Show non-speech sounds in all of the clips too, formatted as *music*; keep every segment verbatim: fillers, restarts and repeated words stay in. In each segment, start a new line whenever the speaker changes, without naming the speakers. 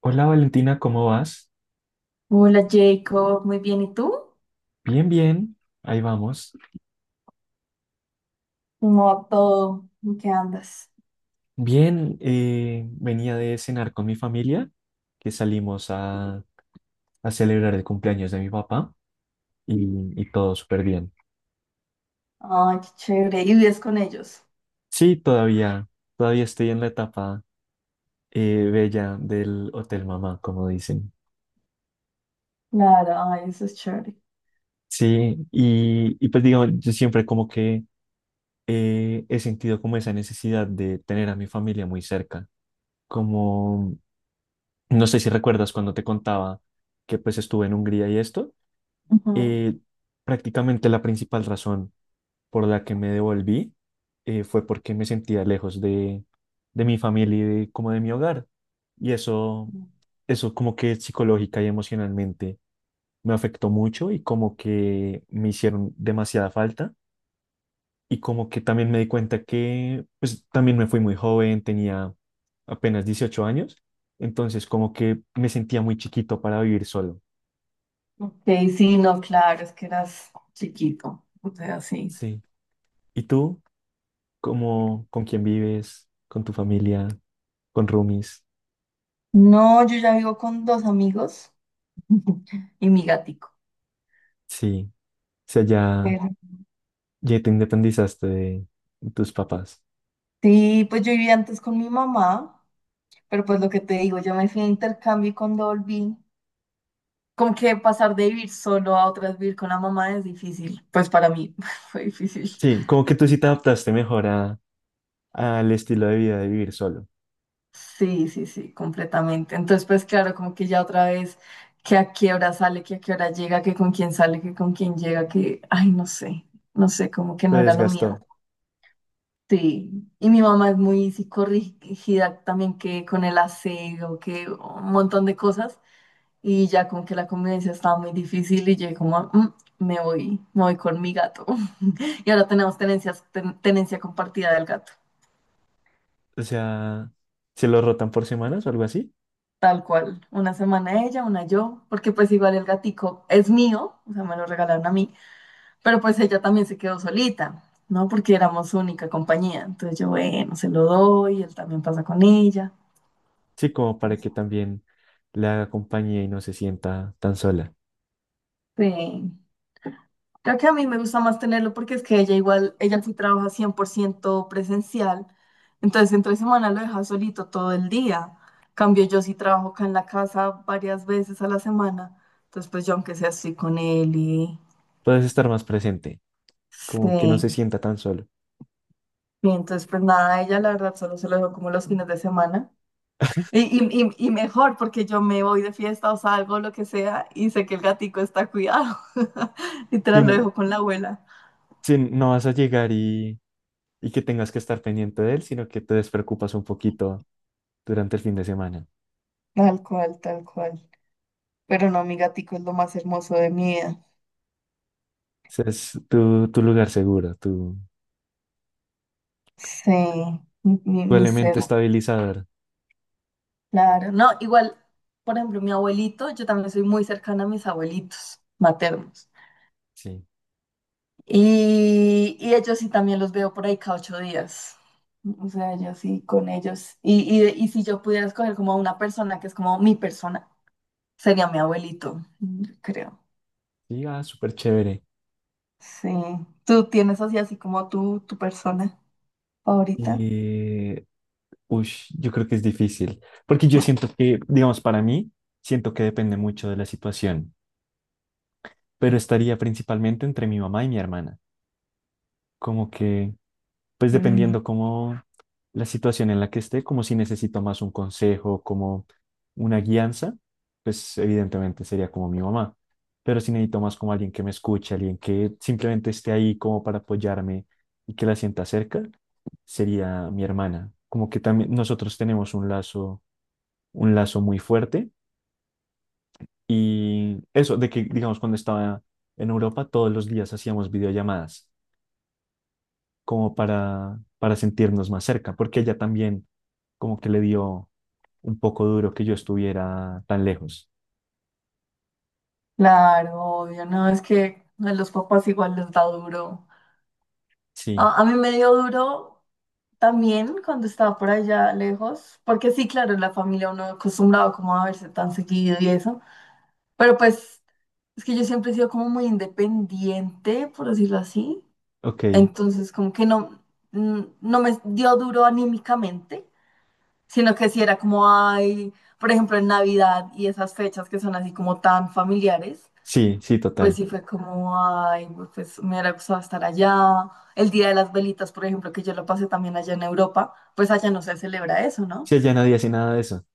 Hola Valentina, ¿cómo vas?
Hola Jacob, muy bien. ¿Y tú?
Bien, bien, ahí vamos.
¿Cómo va todo? ¿En qué andas?
Bien, eh, venía de cenar con mi familia, que salimos a, a celebrar el cumpleaños de mi papá y, y todo súper bien.
Ay, qué chévere. ¿Y vives con ellos?
Sí, todavía, todavía estoy en la etapa eh, bella del Hotel Mamá, como dicen.
Claro, ay, eso es chévere.
Sí, y, y pues digamos, yo siempre como que eh, he sentido como esa necesidad de tener a mi familia muy cerca. Como, no sé si recuerdas cuando te contaba que pues estuve en Hungría y esto.
Ujú.
eh, Prácticamente la principal razón por la que me devolví eh, fue porque me sentía lejos de, de mi familia y de- como de mi hogar. Y eso, eso como que psicológica y emocionalmente me afectó mucho y como que me hicieron demasiada falta. Y como que también me di cuenta que, pues también me fui muy joven, tenía apenas dieciocho años, entonces como que me sentía muy chiquito para vivir solo.
Ok, sí, no, claro, es que eras chiquito. O sea, sí.
Sí. ¿Y tú? ¿Cómo, ¿con quién vives? ¿Con tu familia? ¿Con roomies?
No, yo ya vivo con dos amigos y mi gatico.
Sí. O sea, ya,
Pero-
ya te independizaste de tus papás.
sí, pues yo vivía antes con mi mamá, pero pues lo que te digo, yo me fui a intercambio y cuando volví, como que pasar de vivir solo a otra vez vivir con la mamá es difícil. Pues para mí *laughs* fue difícil.
Sí, como que tú sí te adaptaste mejor a, al estilo de vida de vivir solo.
Sí, sí, sí, completamente. Entonces, pues claro, como que ya otra vez, que a qué hora sale, que a qué hora llega, que con quién sale, que con quién llega, que, ay, no sé, no sé, como que
Te
no era lo mío.
desgastó.
Sí, y mi mamá es muy psicorrígida también que con el aseo, que un montón de cosas, y ya como que la convivencia estaba muy difícil y yo como, "Mm, me voy, me voy con mi gato". *laughs* Y ahora tenemos tenencias, ten- tenencia compartida del gato.
O sea, ¿se lo rotan por semanas o algo así?
Tal cual, una semana ella, una yo, porque pues igual el gatico es mío, o sea, me lo regalaron a mí, pero pues ella también se quedó solita, ¿no? Porque éramos única compañía, entonces yo, bueno, se lo doy, él también pasa con ella.
Sí, como para que también le haga compañía y no se sienta tan sola.
Este, creo que a mí me gusta más tenerlo porque es que ella igual, ella sí trabaja cien por ciento presencial, entonces entre semana lo deja solito todo el día. Cambio yo sí trabajo acá en la casa varias veces a la semana, entonces pues yo aunque sea estoy con él y...
Puedes estar más presente,
Sí.
como que no se sienta tan solo.
Y entonces, pues nada, ella la verdad solo se lo dejo como los fines de semana. Y, y, y, y mejor porque yo me voy de fiesta o salgo, lo que sea, y sé que el gatico está cuidado. *laughs*
Si
Literal, lo
no,
dejo con la abuela.
si no vas a llegar y, y que tengas que estar pendiente de él, sino que te despreocupas un poquito durante el fin de semana.
Tal cual, tal cual. Pero no, mi gatico es lo más hermoso de mi vida.
Ese es tu, tu lugar seguro, tu,
Sí, mi, mi,
tu
mi
elemento
ser.
estabilizador.
Claro, no, igual, por ejemplo, mi abuelito, yo también soy muy cercana a mis abuelitos maternos.
Sí,
Y, y ellos sí también los veo por ahí cada ocho días. O sea, yo sí con ellos. Y, y, y si yo pudiera escoger como una persona que es como mi persona, sería mi abuelito, yo creo.
sí, ah, súper chévere.
Sí. ¿Tú tienes así, así como tú, tu persona favorita?
Eh, ush, yo creo que es difícil, porque yo siento que, digamos, para mí, siento que depende mucho de la situación, pero estaría principalmente entre mi mamá y mi hermana. Como que, pues dependiendo
Sí.
como la situación en la que esté, como si necesito más un consejo, como una guianza, pues evidentemente sería como mi mamá. Pero si necesito más como alguien que me escuche, alguien que simplemente esté ahí como para apoyarme y que la sienta cerca, sería mi hermana. Como que también nosotros tenemos un lazo, un lazo muy fuerte y eso de que, digamos, cuando estaba en Europa, todos los días hacíamos videollamadas, como para, para sentirnos más cerca, porque ella también como que le dio un poco duro que yo estuviera tan lejos.
Claro, obvio, no, es que a los papás igual les da duro.
Sí,
A, a mí me dio duro también cuando estaba por allá lejos, porque sí, claro, en la familia uno acostumbrado como a verse tan seguido y eso, pero pues es que yo siempre he sido como muy independiente, por decirlo así.
ok,
Entonces, como que no, mm, no me dio duro anímicamente, sino que si era como, ay, por ejemplo, en Navidad y esas fechas que son así como tan familiares,
sí, sí,
pues
total.
sí fue como, ay, pues me hubiera gustado estar allá. El Día de las Velitas, por ejemplo, que yo lo pasé también allá en Europa, pues allá no se celebra eso, ¿no?
Sí, ella nadie hace nada de eso.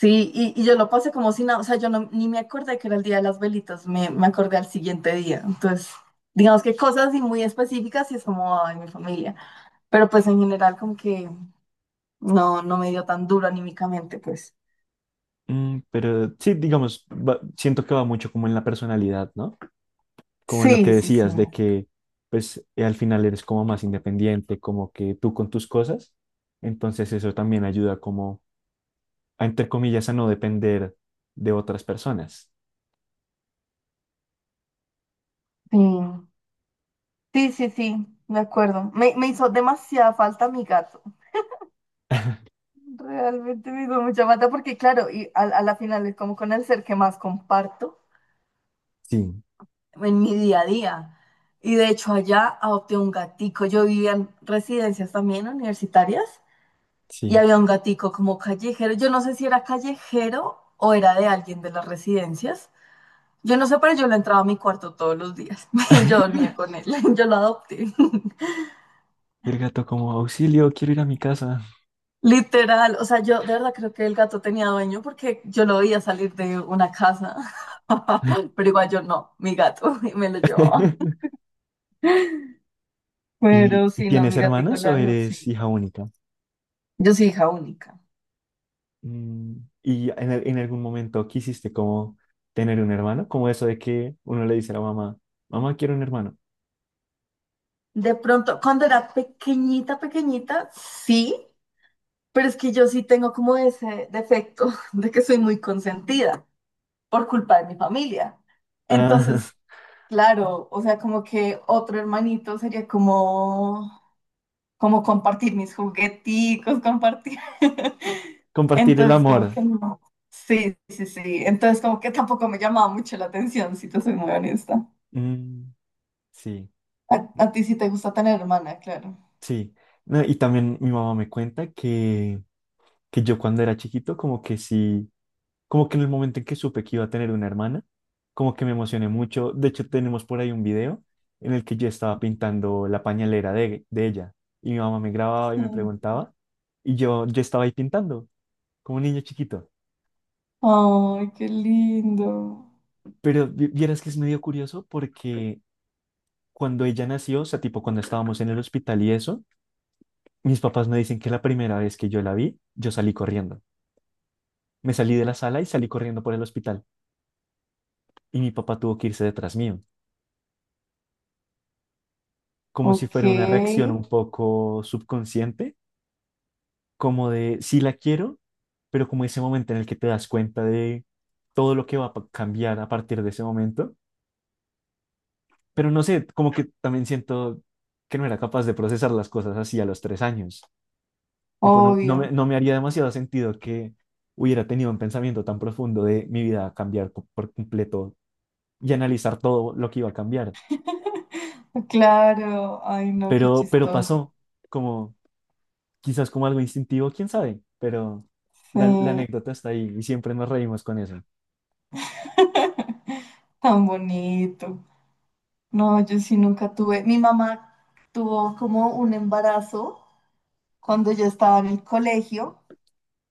Sí, y, y yo lo pasé como si nada, o sea, yo no, ni me acordé que era el Día de las Velitas, me, me acordé al siguiente día. Entonces, digamos que cosas así muy específicas y es como, ay, mi familia. Pero pues en general como que no, no me dio tan duro anímicamente, pues.
Mm, pero sí, digamos, va- siento que va mucho como en la personalidad, ¿no? Como en lo que
Sí, sí, sí.
decías de que, pues, eh, al final eres como más independiente, como que tú con tus cosas. Entonces eso también ayuda como a, entre comillas, a no depender de otras personas.
Sí, sí, sí, sí, me acuerdo. Me, me hizo demasiada falta mi gato. Realmente me hizo mucha falta porque, claro, y a, a la final es como con el ser que más comparto
Sí,
en mi día a día. Y de hecho allá adopté un gatico. Yo vivía en residencias también universitarias y
sí.
había un gatico como callejero. Yo no sé si era callejero o era de alguien de las residencias. Yo no sé, pero yo lo entraba a mi cuarto todos los días *laughs* y yo dormía
*laughs*
con él. *laughs* Yo lo adopté. *laughs*
El gato como auxilio, quiero ir a mi casa.
Literal. O sea, yo de verdad creo que el gato tenía dueño porque yo lo veía salir de una casa. *laughs* Pero igual yo no, mi gato *laughs* y me lo llevaba.
*laughs* ¿Y,
Pero
y
sí, no,
tienes
mi gatico
hermanos o
largo, sí.
eres hija única?
Yo soy hija única.
Mm, ¿y en, al- en algún momento quisiste como tener un hermano? Como eso de que uno le dice a la mamá, mamá, quiero un hermano.
De pronto, cuando era pequeñita, pequeñita, sí, pero es que yo sí tengo como ese defecto *laughs* de que soy muy consentida por culpa de mi familia.
Ah,
Entonces,
*laughs*
claro, o sea, como que otro hermanito sería como, como compartir mis jugueticos, compartir. *laughs*
compartir el
Entonces, como
amor.
que no. Sí, sí, sí. Entonces, como que tampoco me llamaba mucho la atención, si te soy muy honesta.
Mm, sí,
A, a ti sí te gusta tener hermana, claro.
sí. No, y también mi mamá me cuenta que, que yo cuando era chiquito como que sí, como que en el momento en que supe que iba a tener una hermana, como que me emocioné mucho. De hecho, tenemos por ahí un video en el que yo estaba pintando la pañalera de, de ella y mi mamá me grababa y me
Sí.
preguntaba y yo, yo estaba ahí pintando como un niño chiquito.
Ay, qué lindo.
Pero vi- vieras que es medio curioso porque cuando ella nació, o sea, tipo cuando estábamos en el hospital y eso, mis papás me dicen que la primera vez que yo la vi, yo salí corriendo. Me salí de la sala y salí corriendo por el hospital y mi papá tuvo que irse detrás mío, como si
Ok,
fuera una reacción un poco subconsciente, como de sí la quiero, pero como ese momento en el que te das cuenta de todo lo que va a pa- cambiar a partir de ese momento. Pero no sé, como que también siento que no era capaz de procesar las cosas así a los tres años. Tipo, no, no
obvio.
me, no me haría demasiado sentido que hubiera tenido un pensamiento tan profundo de mi vida va a cambiar co- por completo y analizar todo lo que iba a cambiar.
*laughs* Claro, ay no, qué
Pero, pero
chistoso.
pasó, como quizás como algo instintivo, quién sabe, pero
Sí,
la, la anécdota está ahí y siempre nos reímos con eso.
*laughs* tan bonito. No, yo sí nunca tuve. Mi mamá tuvo como un embarazo cuando yo estaba en el colegio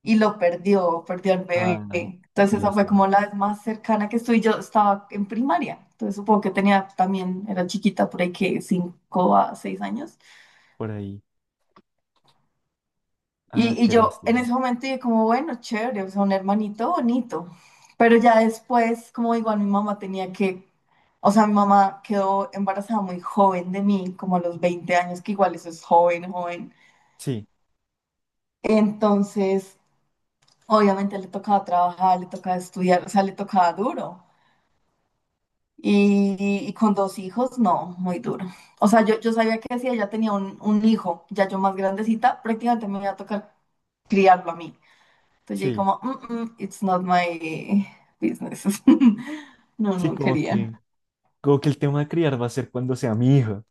y lo perdió, perdió al bebé.
Ay, qué
Entonces esa fue
lástima.
como la vez más cercana que estuve. Yo estaba en primaria, entonces supongo que tenía también, era chiquita por ahí que cinco a seis años.
Por ahí. Ah,
Y, y
qué
yo en
lástima.
ese momento dije como, bueno, chévere, o sea, un hermanito bonito. Pero ya después, como igual mi mamá tenía que, o sea, mi mamá quedó embarazada muy joven de mí, como a los veinte años, que igual eso es joven, joven.
Sí,
Entonces, obviamente le tocaba trabajar, le tocaba estudiar, o sea, le tocaba duro. Y, y con dos hijos, no, muy duro. O sea, yo, yo sabía que si ella tenía un, un hijo, ya yo más grandecita, prácticamente me iba a tocar criarlo a mí. Entonces yo
sí,
como, "Mm, mm, it's not my business". *laughs* No,
sí,
no
como
quería.
que, como que el tema de criar va a ser cuando sea mi hijo.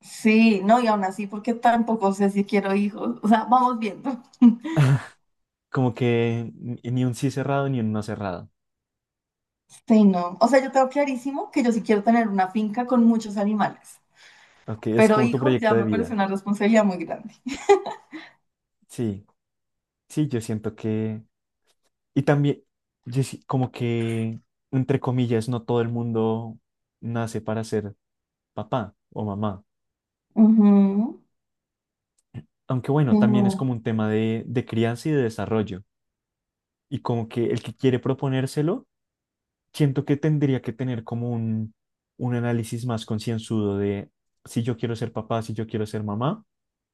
Sí, no, y aún así, porque tampoco sé si quiero hijos. O sea, vamos viendo. *laughs*
Como que ni ni un sí cerrado ni un no cerrado.
Sí, no. O sea, yo tengo clarísimo que yo sí quiero tener una finca con muchos animales,
Ok, es
pero
como tu
hijos
proyecto
ya
de
me parece
vida.
una responsabilidad muy grande.
Sí, sí, yo siento que. Y también, yo sí- como que, entre comillas, no todo el mundo nace para ser papá o mamá.
Ujú.
Aunque
Sí,
bueno, también es
no.
como un tema de, de crianza y de desarrollo. Y como que el que quiere proponérselo, siento que tendría que tener como un, un análisis más concienzudo de si yo quiero ser papá, si yo quiero ser mamá,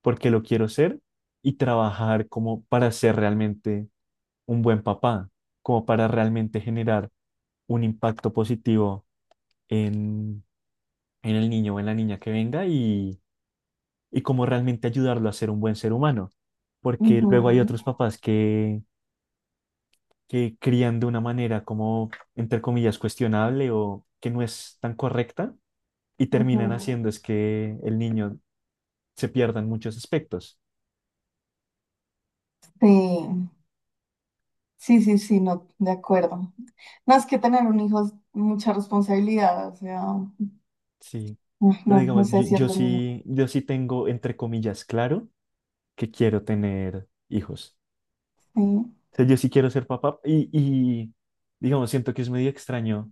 por qué lo quiero ser y trabajar como para ser realmente un buen papá, como para realmente generar un impacto positivo en, en el niño o en la niña que venga y, y como realmente ayudarlo a ser un buen ser humano. Porque luego hay
Ujú,
otros papás que que crían de una manera como, entre comillas, cuestionable o que no es tan correcta y terminan
ujú.
haciendo es que el niño se pierda en muchos aspectos.
Sí, sí, sí, sí, no, de acuerdo. No, es que tener un hijo es mucha responsabilidad, o sea,
Sí, pero
no, no
digamos,
sé
yo,
si es
yo
lo mío.
sí, yo sí tengo, entre comillas, claro que quiero tener hijos.
Sí.
O sea, yo sí quiero ser papá y, y digamos, siento que es medio extraño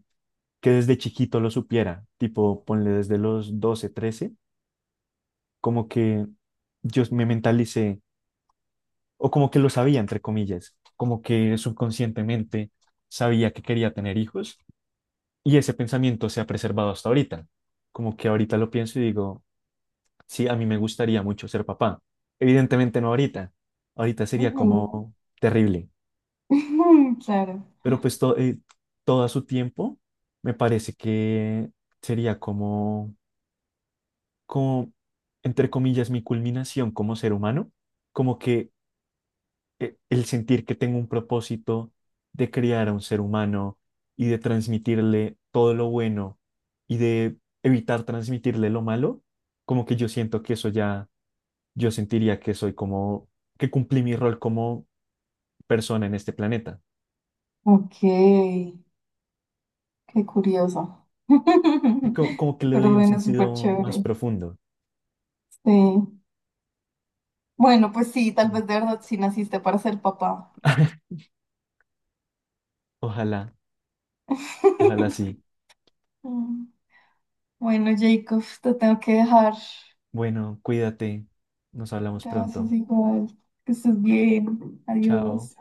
que desde chiquito lo supiera, tipo, ponle desde los doce trece, como que yo me mentalicé o como que lo sabía, entre comillas, como que subconscientemente sabía que quería tener hijos y ese pensamiento se ha preservado hasta ahorita. Como que ahorita lo pienso y digo, sí, a mí me gustaría mucho ser papá. Evidentemente no ahorita, ahorita sería
Ujú.
como terrible,
*laughs* Claro.
pero pues to- eh, todo a su tiempo me parece que sería como, como, entre comillas, mi culminación como ser humano, como que e- el sentir que tengo un propósito de criar a un ser humano y de transmitirle todo lo bueno y de evitar transmitirle lo malo, como que yo siento que eso ya, yo sentiría que soy como, que cumplí mi rol como persona en este planeta.
Ok, qué curioso.
Y co-
*laughs*
como, que le
Pero
doy un
bueno, súper
sentido más
chévere.
profundo.
Sí. Bueno, pues sí, tal
Sí.
vez de verdad sí naciste para ser papá.
*laughs* Ojalá, ojalá
*laughs*
sí.
Mm. Bueno, Jacob, te tengo que dejar.
Bueno, cuídate. Nos hablamos
Gracias,
pronto.
igual. Que estés bien.
Chao.
Adiós.